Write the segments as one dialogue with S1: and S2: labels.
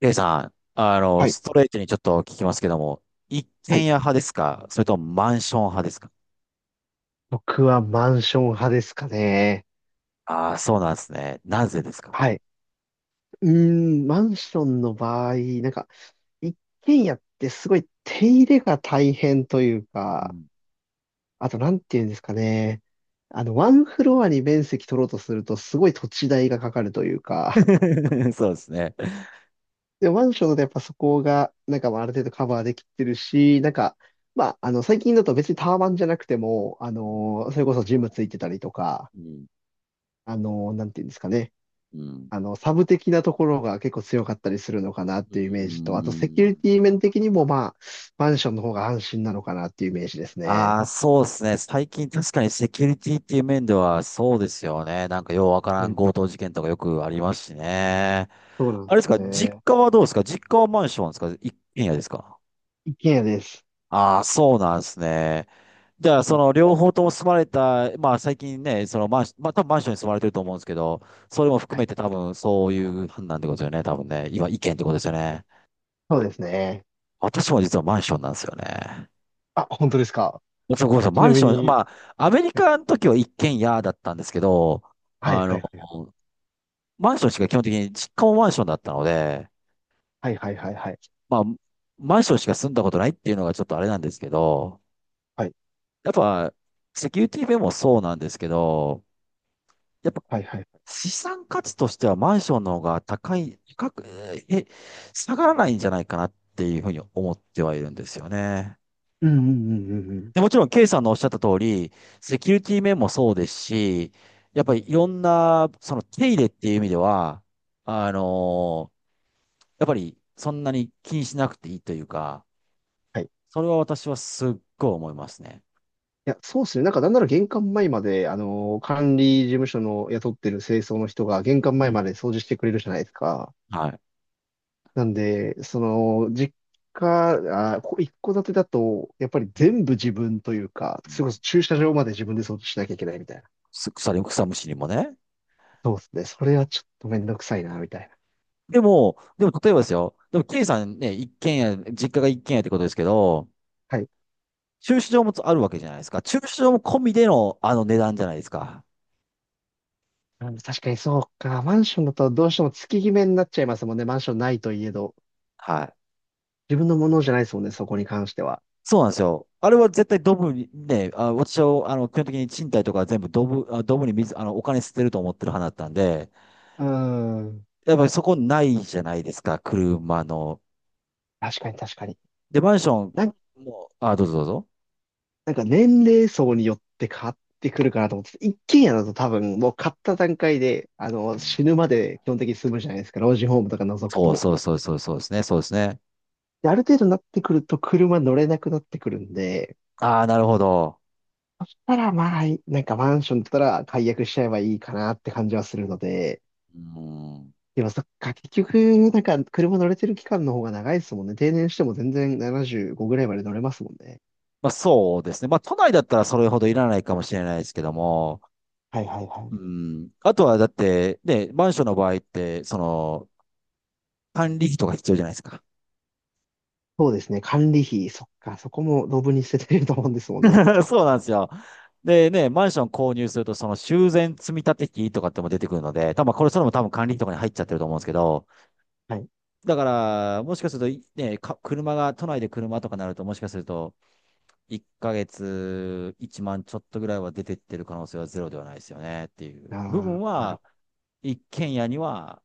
S1: レイさん、
S2: はい、
S1: ストレートにちょっと聞きますけども、一
S2: は
S1: 軒家
S2: い、
S1: 派ですか？それともマンション派ですか？
S2: 僕はマンション派ですかね。
S1: ああー、そうなんですね。なぜですか？
S2: はい、うマンションの場合、なんか、一軒家ってすごい手入れが大変という
S1: う
S2: か、
S1: ん。
S2: あと、なんていうんですかね。ワンフロアに面積取ろうとすると、すごい土地代がかかるというか、
S1: そうですね。
S2: で、マンションだとやっぱそこが、まあある程度カバーできてるし、まあ、最近だと別にタワマンじゃなくても、
S1: うん。
S2: それこそジムついてたりとか、
S1: う
S2: なんていうんですかね。
S1: ん。
S2: サブ的なところが結構強かったりするのかなっ
S1: う
S2: ていうイメージと、あとセキュリ
S1: ん。
S2: ティ面的にもまあ、マンションの方が安心なのかなっていうイメージです
S1: ああ
S2: ね。
S1: ー、そうですね。最近確かにセキュリティっていう面ではそうですよね。なんかようわか
S2: う
S1: らん
S2: ん、
S1: 強盗事件とかよくありますしね。
S2: そうなんで
S1: あれです
S2: す
S1: か？実
S2: ね。
S1: 家はどうですか？実家はマンションですか一軒家ですか？
S2: 一軒家です。
S1: ああ、そうなんですね。じゃあ、
S2: う
S1: そ
S2: ん、
S1: の両方とも住まれた、まあ最近ね、そのマンション、まあ多分マンションに住まれてると思うんですけど、それも含
S2: はい、
S1: めて多分そういう判断ってことですよね、多分ね。今、意見ってことですよね。
S2: そうですね。
S1: 私も実はマンションなんですよね。
S2: あ、本当ですか。
S1: そうごめんなさい、
S2: ち
S1: マ
S2: な
S1: ン
S2: み
S1: ション、
S2: に、
S1: まあ、アメリカの時は一軒家だったんですけど、あの、マンションしか基本的に、実家もマンションだったので、
S2: はいはいはいはい
S1: まあ、マンションしか住んだことないっていうのがちょっとあれなんですけど、
S2: はい
S1: やっぱ、セキュリティ面もそうなんですけど、やっぱ
S2: はいはいはい。はいはいはい。
S1: 資産価値としてはマンションの方が高い、高く、え、下がらないんじゃないかなっていうふうに思ってはいるんですよね。
S2: うんうんうんうんうん。
S1: で、もちろん、ケイさんのおっしゃった通り、セキュリティ面もそうですし、やっぱりいろんな、その手入れっていう意味では、あのーやっぱりそんなに気にしなくていいというか、
S2: はい。い
S1: それは私はすっごい思いますね。
S2: や、そうですね。なんなら玄関前まで、管理事務所の雇ってる清掃の人が玄関
S1: う
S2: 前
S1: ん。
S2: まで掃除してくれるじゃないですか。
S1: はい。
S2: なんで、実家、あ、こ一戸建てだと、やっぱり
S1: うん
S2: 全部自分というか、
S1: う
S2: それこそ
S1: ん
S2: 駐車場まで自分で掃除しなきゃいけないみたいな。
S1: す草に、草むしりもね。
S2: そうですね。それはちょっとめんどくさいな、みたいな。
S1: でも、でも例えばですよ。でも、ケイさんね、一軒家、実家が一軒家ってことですけど、
S2: はい。
S1: 駐車場もあるわけじゃないですか。駐車場も込みでのあの値段じゃないですか。
S2: 確かにそうか。マンションだとどうしても月決めになっちゃいますもんね。マンションないといえど。
S1: はい。
S2: 自分のものじゃないですもんね、そこに関しては。
S1: そうなんですよ。あれは絶対ドブに、ね、あ、私は、基本的に賃貸とかは全部ドブに水、お金捨てると思ってる派だったんで、
S2: うーん。
S1: やっぱりそこないじゃないですか、車の。
S2: 確かに確かに。
S1: で、マンションも、あ、どうぞどうぞ。
S2: 年齢層によって変わってくるかなと思ってて、一軒家だと多分もう買った段階で、あ
S1: う
S2: の、
S1: ん
S2: 死ぬまで基本的に住むじゃないですか、老人ホームとか除く
S1: そう
S2: と。
S1: そうそうそうそうですね、そうですね。
S2: で、ある程度になってくると車乗れなくなってくるんで、
S1: ああ、なるほど。
S2: たらまあ、マンションだったら解約しちゃえばいいかなって感じはするので、
S1: うん
S2: でもそっか、結局、車乗れてる期間の方が長いですもんね。定年しても全然75ぐらいまで乗れますもんね。
S1: まあそうですね。まあ都内だったらそれほどいらないかもしれないですけども、
S2: はいはいは
S1: う
S2: い。
S1: ん。あとはだって、ね、マンションの場合って、管理費とか必要じゃないですか。
S2: そうですね。管理費、そっか、そこもドブに捨ててると思うんですもんね。
S1: そうなんですよ。でね、マンション購入すると、その修繕積立費とかっても出てくるので、多分これ、それも多分管理費とかに入っちゃってると思うんですけど、
S2: はい、
S1: だから、もしかすると、ね、車が、都内で車とかなると、もしかすると、1ヶ月1万ちまんちょっとぐらいは出てってる可能性はゼロではないですよねっていう
S2: あ
S1: 部分
S2: あ、なる
S1: は、
S2: ほ
S1: 一軒家には、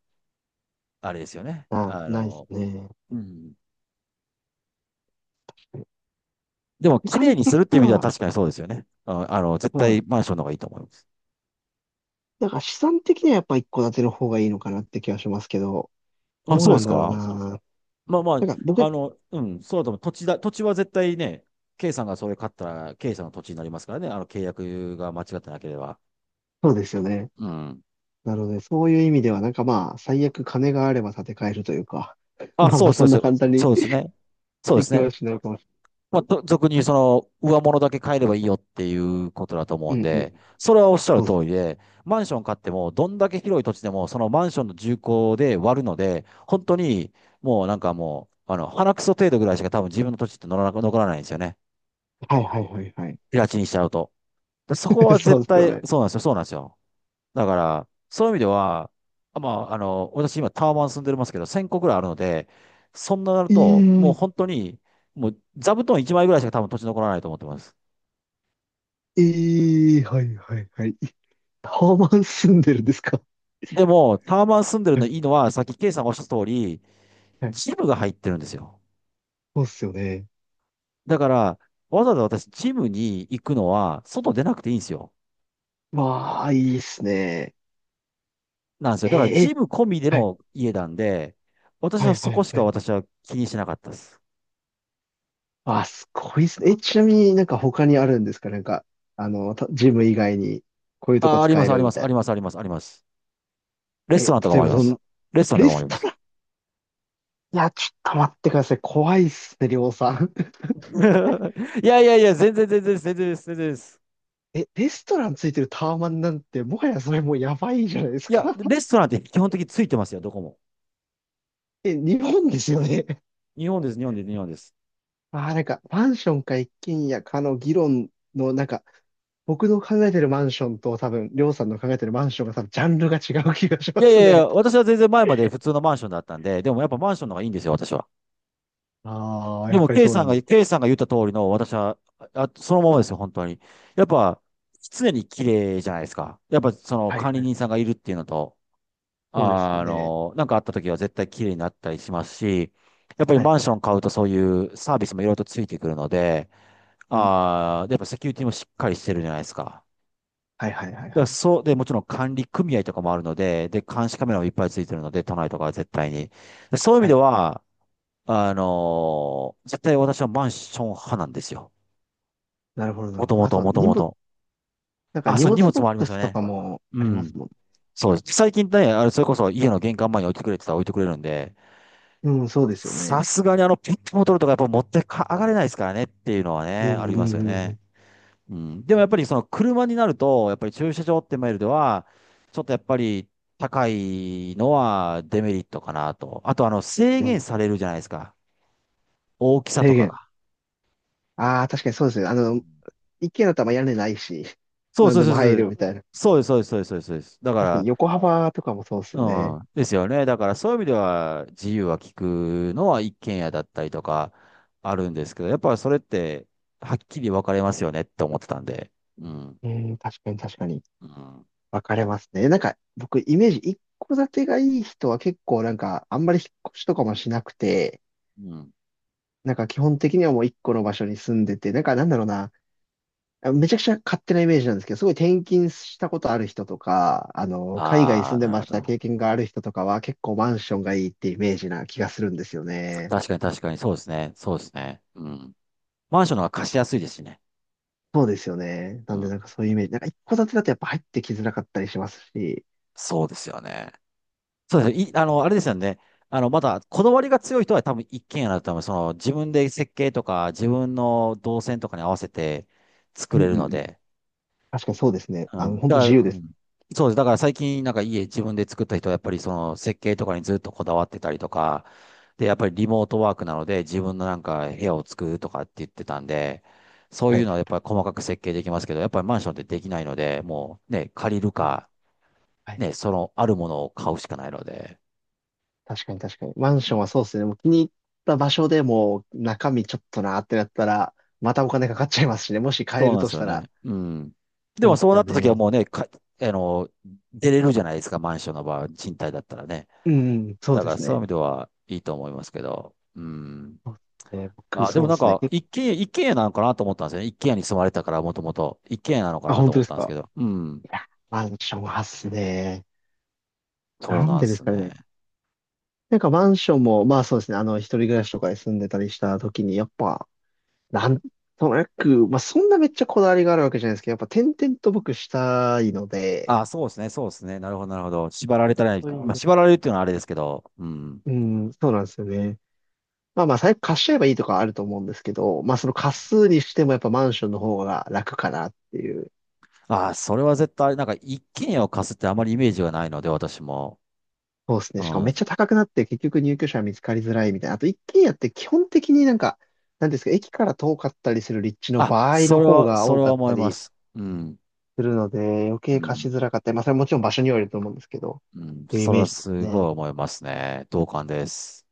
S1: あれですよね。
S2: ど。ないですね。
S1: うん。でも、
S2: 資
S1: 綺
S2: 産
S1: 麗にす
S2: 的
S1: るっていう
S2: に
S1: 意味では
S2: は、
S1: 確かにそうですよね。絶
S2: そうな
S1: 対
S2: ん。
S1: マンションの方がいいと思います。
S2: だから資産的にはやっぱ一戸建ての方がいいのかなって気はしますけど、
S1: あ、
S2: どう
S1: そうで
S2: なん
S1: す
S2: だろう
S1: か。
S2: な。ね、
S1: まあまあ、
S2: 僕、
S1: うん、そうだと思う。土地は絶対ね、K さんがそれ買ったら、K さんの土地になりますからね。契約が間違ってなければ。
S2: そうですよね。
S1: うん。
S2: なので、そういう意味では、まあ、最悪金があれば建て替えるというか、
S1: あ、
S2: まあま
S1: そ
S2: あ、
S1: うそ
S2: そ
S1: う
S2: んな
S1: そう。
S2: 簡単に
S1: そうですね。そうで
S2: で
S1: す
S2: き
S1: ね。
S2: はしないかもしれ
S1: まあ、
S2: ない。
S1: と俗に上物だけ買えればいいよっていうことだと思
S2: う
S1: うん
S2: んう
S1: で、
S2: ん。
S1: それはおっしゃる
S2: そうっす。
S1: 通りで、マンション買っても、どんだけ広い土地でも、そのマンションの重工で割るので、本当に、もうなんかもう、鼻くそ程度ぐらいしか多分自分の土地って乗らなく、残らないんですよね。
S2: はいはいはいはい。
S1: 平地にしちゃうと。でそこ は
S2: そ
S1: 絶
S2: うですよ
S1: 対、
S2: ね。
S1: そうなんですよ、そうなんですよ。だから、そういう意味では、私今タワマン住んでますけど、1000個ぐらいあるので、そんななる
S2: え
S1: と、もう
S2: ー、
S1: 本当に、もう座布団1枚ぐらいしか多分土地残らないと思ってます。
S2: えー、はいはいはい。タワマン住んでるんですか？
S1: でも、タワマン住んでる
S2: は
S1: の
S2: い
S1: いいのは、さっきケイさんがおっしゃった通り、
S2: はい。
S1: ジムが入ってるんですよ。
S2: そうっすよね。
S1: だから、わざわざ私、ジムに行くのは、外出なくていいんですよ。
S2: わあ、いいっすね。
S1: なんですよ。
S2: えー
S1: だから、ジ
S2: え、
S1: ム込みで
S2: はい、
S1: の家なんで、私
S2: は
S1: は
S2: い、は
S1: そこ
S2: い、
S1: し
S2: は
S1: か
S2: い。
S1: 私は気にしなかったです。
S2: あ、すごいっすね。え、ちなみになんか他にあるんですか？ジム以外にこういうとこ
S1: あ、あり
S2: 使
S1: ま
S2: え
S1: す、あ
S2: る
S1: りま
S2: み
S1: す、
S2: た
S1: あ
S2: い
S1: り
S2: な。
S1: ます、あります、あります。レ
S2: え、
S1: ストランとか
S2: 例え
S1: もあ
S2: ば
S1: りま
S2: ど
S1: す。
S2: ん、
S1: レストランと
S2: レ
S1: かもあ
S2: ス
S1: りま
S2: ト
S1: す。
S2: ラン、いや、ちょっと待ってください。怖いっすね、りょうさん。
S1: いやいやいや、全然全然です、全然です、全然です。
S2: え、レストランついてるタワマンなんて、もはやそれもうやばいじゃないです
S1: い
S2: か。
S1: や、レストランって基本的についてますよ、どこも。
S2: え、日本ですよね。
S1: 日本です、日本です、日本です。
S2: ああ、マンションか一軒家かの議論の、僕の考えてるマンションと多分、りょうさんの考えてるマンションが多分、ジャンルが違う気がし
S1: い
S2: ま
S1: やい
S2: す
S1: やいや、
S2: ね。
S1: 私は全然前まで普通のマンションだったんで、でもやっぱマンションの方がいいんですよ、私は。
S2: ああ、
S1: で
S2: やっ
S1: も、
S2: ぱり
S1: K
S2: そう
S1: さ
S2: な
S1: ん
S2: んで
S1: が、
S2: す。
S1: K さんが言った通りの、私は、あ、そのままですよ、本当に。やっぱ、常に綺麗じゃないですか。やっぱ、その
S2: はい
S1: 管理
S2: はい。
S1: 人さんがいるっていうのと、
S2: そうですよね。
S1: なんかあった時は絶対綺麗になったりしますし、やっぱり
S2: はい
S1: マン
S2: は
S1: ショ
S2: い。
S1: ン買うとそういうサービスもいろいろとついてくるので、
S2: うん。
S1: でやっぱセキュリティもしっかりしてるじゃないですか。
S2: はいはいはい
S1: だか
S2: は
S1: ら
S2: い。
S1: そう、で、もちろん管理組合とかもあるので、で、監視カメラもいっぱいついてるので、都内とかは絶対に。でそういう意味
S2: は
S1: で
S2: い。
S1: は、絶対私はマンション派なんですよ。
S2: なるほどなる
S1: も
S2: ほ
S1: と
S2: ど。
S1: も
S2: あと
S1: と、
S2: は
S1: もと
S2: 荷
S1: も
S2: 物、
S1: と。あ、
S2: 荷
S1: そう、荷
S2: 物
S1: 物
S2: ボッ
S1: もありま
S2: ク
S1: すよ
S2: スと
S1: ね。
S2: かも
S1: う
S2: ありま
S1: ん。
S2: すもん。
S1: そうです。最近ね、あれ、それこそ家の玄関前に置いてくれって言ったら置いてくれるんで、
S2: うん、そうですよ
S1: さ
S2: ね。
S1: すがにあのペットボトルとかやっぱ持ってか上がれないですからねっていうのは
S2: うん
S1: ね、あり
S2: う
S1: ま
S2: ん
S1: すよ
S2: うんう
S1: ね。
S2: ん。
S1: うん。でもやっぱりその車になると、やっぱり駐車場ってマイルでは、ちょっとやっぱり高いのはデメリットかなと。あと制
S2: うん、
S1: 限されるじゃないですか。大きさと
S2: 制
S1: かが。
S2: 限、ああ、確かにそうですね。
S1: うん
S2: 一軒家だったらまあ屋根ないし、
S1: そう
S2: 何
S1: そう
S2: で
S1: そ
S2: も
S1: うそ
S2: 入る
S1: う。
S2: みたいな。
S1: そうです、そうです、そうです、そうです。そうですだ
S2: 確か
S1: か
S2: に横幅とかもそうです
S1: ら、
S2: よね。
S1: うん。ですよね。だからそういう意味では自由は利くのは一軒家だったりとかあるんですけど、やっぱりそれってはっきり分かれますよねって思ってたんで。うん。
S2: 確かに確かに。
S1: うん。
S2: 分かれますね。僕、イメージ、一戸建てがいい人は結構あんまり引っ越しとかもしなくて、
S1: うん。
S2: 基本的にはもう一個の場所に住んでて、なんだろうな、あ、めちゃくちゃ勝手なイメージなんですけど、すごい転勤したことある人とか、海外
S1: あ
S2: 住
S1: あ、
S2: んで
S1: なる
S2: ま
S1: ほ
S2: した経
S1: ど。
S2: 験がある人とかは結構マンションがいいってイメージな気がするんですよね。
S1: 確かに確かに、そうですね。そうですね。うん。マンションの方が貸しやすいですしね。
S2: そうですよね。な
S1: う
S2: んで
S1: ん。
S2: そういうイメージ。一戸建てだとやっぱ入ってきづらかったりしますし。
S1: そうですよね。そうですねい、あれですよね。まだ、こだわりが強い人は多分一軒家だと多分自分で設計とか、自分の動線とかに合わせて作
S2: うん
S1: れ
S2: う
S1: る
S2: ん
S1: の
S2: うん。
S1: で。
S2: 確かにそうですね。
S1: うん。
S2: 本
S1: だ
S2: 当自
S1: か
S2: 由で
S1: ら、う
S2: す。
S1: ん、そうです。だから最近、なんか家自分で作った人は、やっぱりその設計とかにずっとこだわってたりとか、で、やっぱりリモートワークなので、自分のなんか部屋を作るとかって言ってたんで、そう
S2: は
S1: いう
S2: い。
S1: のはやっぱり細かく設計できますけど、やっぱりマンションってできないので、もうね、借りるか、
S2: はい、
S1: ね、そのあるものを買うしかないので。
S2: 確かに確かに。マンションはそうですね。もう気に入った場所でもう中身ちょっとなってなったら、またお金かかっちゃいますしね。もし買え
S1: そう
S2: る
S1: なん
S2: と
S1: です
S2: し
S1: よ
S2: たら。
S1: ね。うん。で
S2: そう
S1: も
S2: です
S1: そうな
S2: よ
S1: った時は
S2: ね。
S1: もうね、か、あの、出れるじゃないですか、マンションの場合、賃貸だったらね。
S2: うん、うん、そう
S1: だ
S2: で
S1: から
S2: す
S1: そういう意
S2: ね。
S1: 味ではいいと思いますけど、うん。
S2: そうですね。僕、
S1: あ、で
S2: そう
S1: も
S2: で
S1: なん
S2: すね。
S1: か、
S2: 結
S1: 一軒家、一軒家なのかなと思ったんですよね。一軒家に住まれてたから、もともと。一軒家なのか
S2: 構、あ、
S1: な
S2: 本
S1: と
S2: 当
S1: 思っ
S2: です
S1: たんです
S2: か。
S1: けど。うん。
S2: いや、マンションはっすね。
S1: そう
S2: なん
S1: なん
S2: で
S1: で
S2: です
S1: す
S2: かね。
S1: ね。
S2: マンションも、まあそうですね。一人暮らしとかで住んでたりした時に、やっぱ、なんとなく、まあそんなめっちゃこだわりがあるわけじゃないですけど、やっぱ点々と僕したいので、
S1: あ、そうですね、そうですね。なるほど、なるほど。縛
S2: そ
S1: られたら、
S2: ういう意
S1: ま
S2: 味
S1: あ、
S2: で、
S1: 縛られるっていうのはあれですけど。うん。
S2: うん、そうなんですよね。まあまあ、最悪貸しちゃえばいいとかはあると思うんですけど、まあその貸すにしてもやっぱマンションの方が楽かなっていう。
S1: あ、それは絶対、なんか、一軒家を貸すってあまりイメージがないので、私も。
S2: そうです
S1: う
S2: ね。しかもめっちゃ
S1: ん。
S2: 高くなって結局入居者は見つかりづらいみたいな。あと一軒家って基本的になんていうんですか、駅から遠かったりする立地の
S1: あ、
S2: 場合
S1: そ
S2: の
S1: れ
S2: 方
S1: は、
S2: が
S1: そ
S2: 多
S1: れ
S2: か
S1: は
S2: っ
S1: 思
S2: た
S1: いま
S2: り
S1: す。うん。
S2: するので、余
S1: う
S2: 計貸し
S1: ん。
S2: づらかったり、まあそれはもちろん場所によると思うんですけど、
S1: うん。
S2: っていうイ
S1: それ
S2: メー
S1: は
S2: ジです
S1: すごい
S2: ね。
S1: 思いますね。同感です。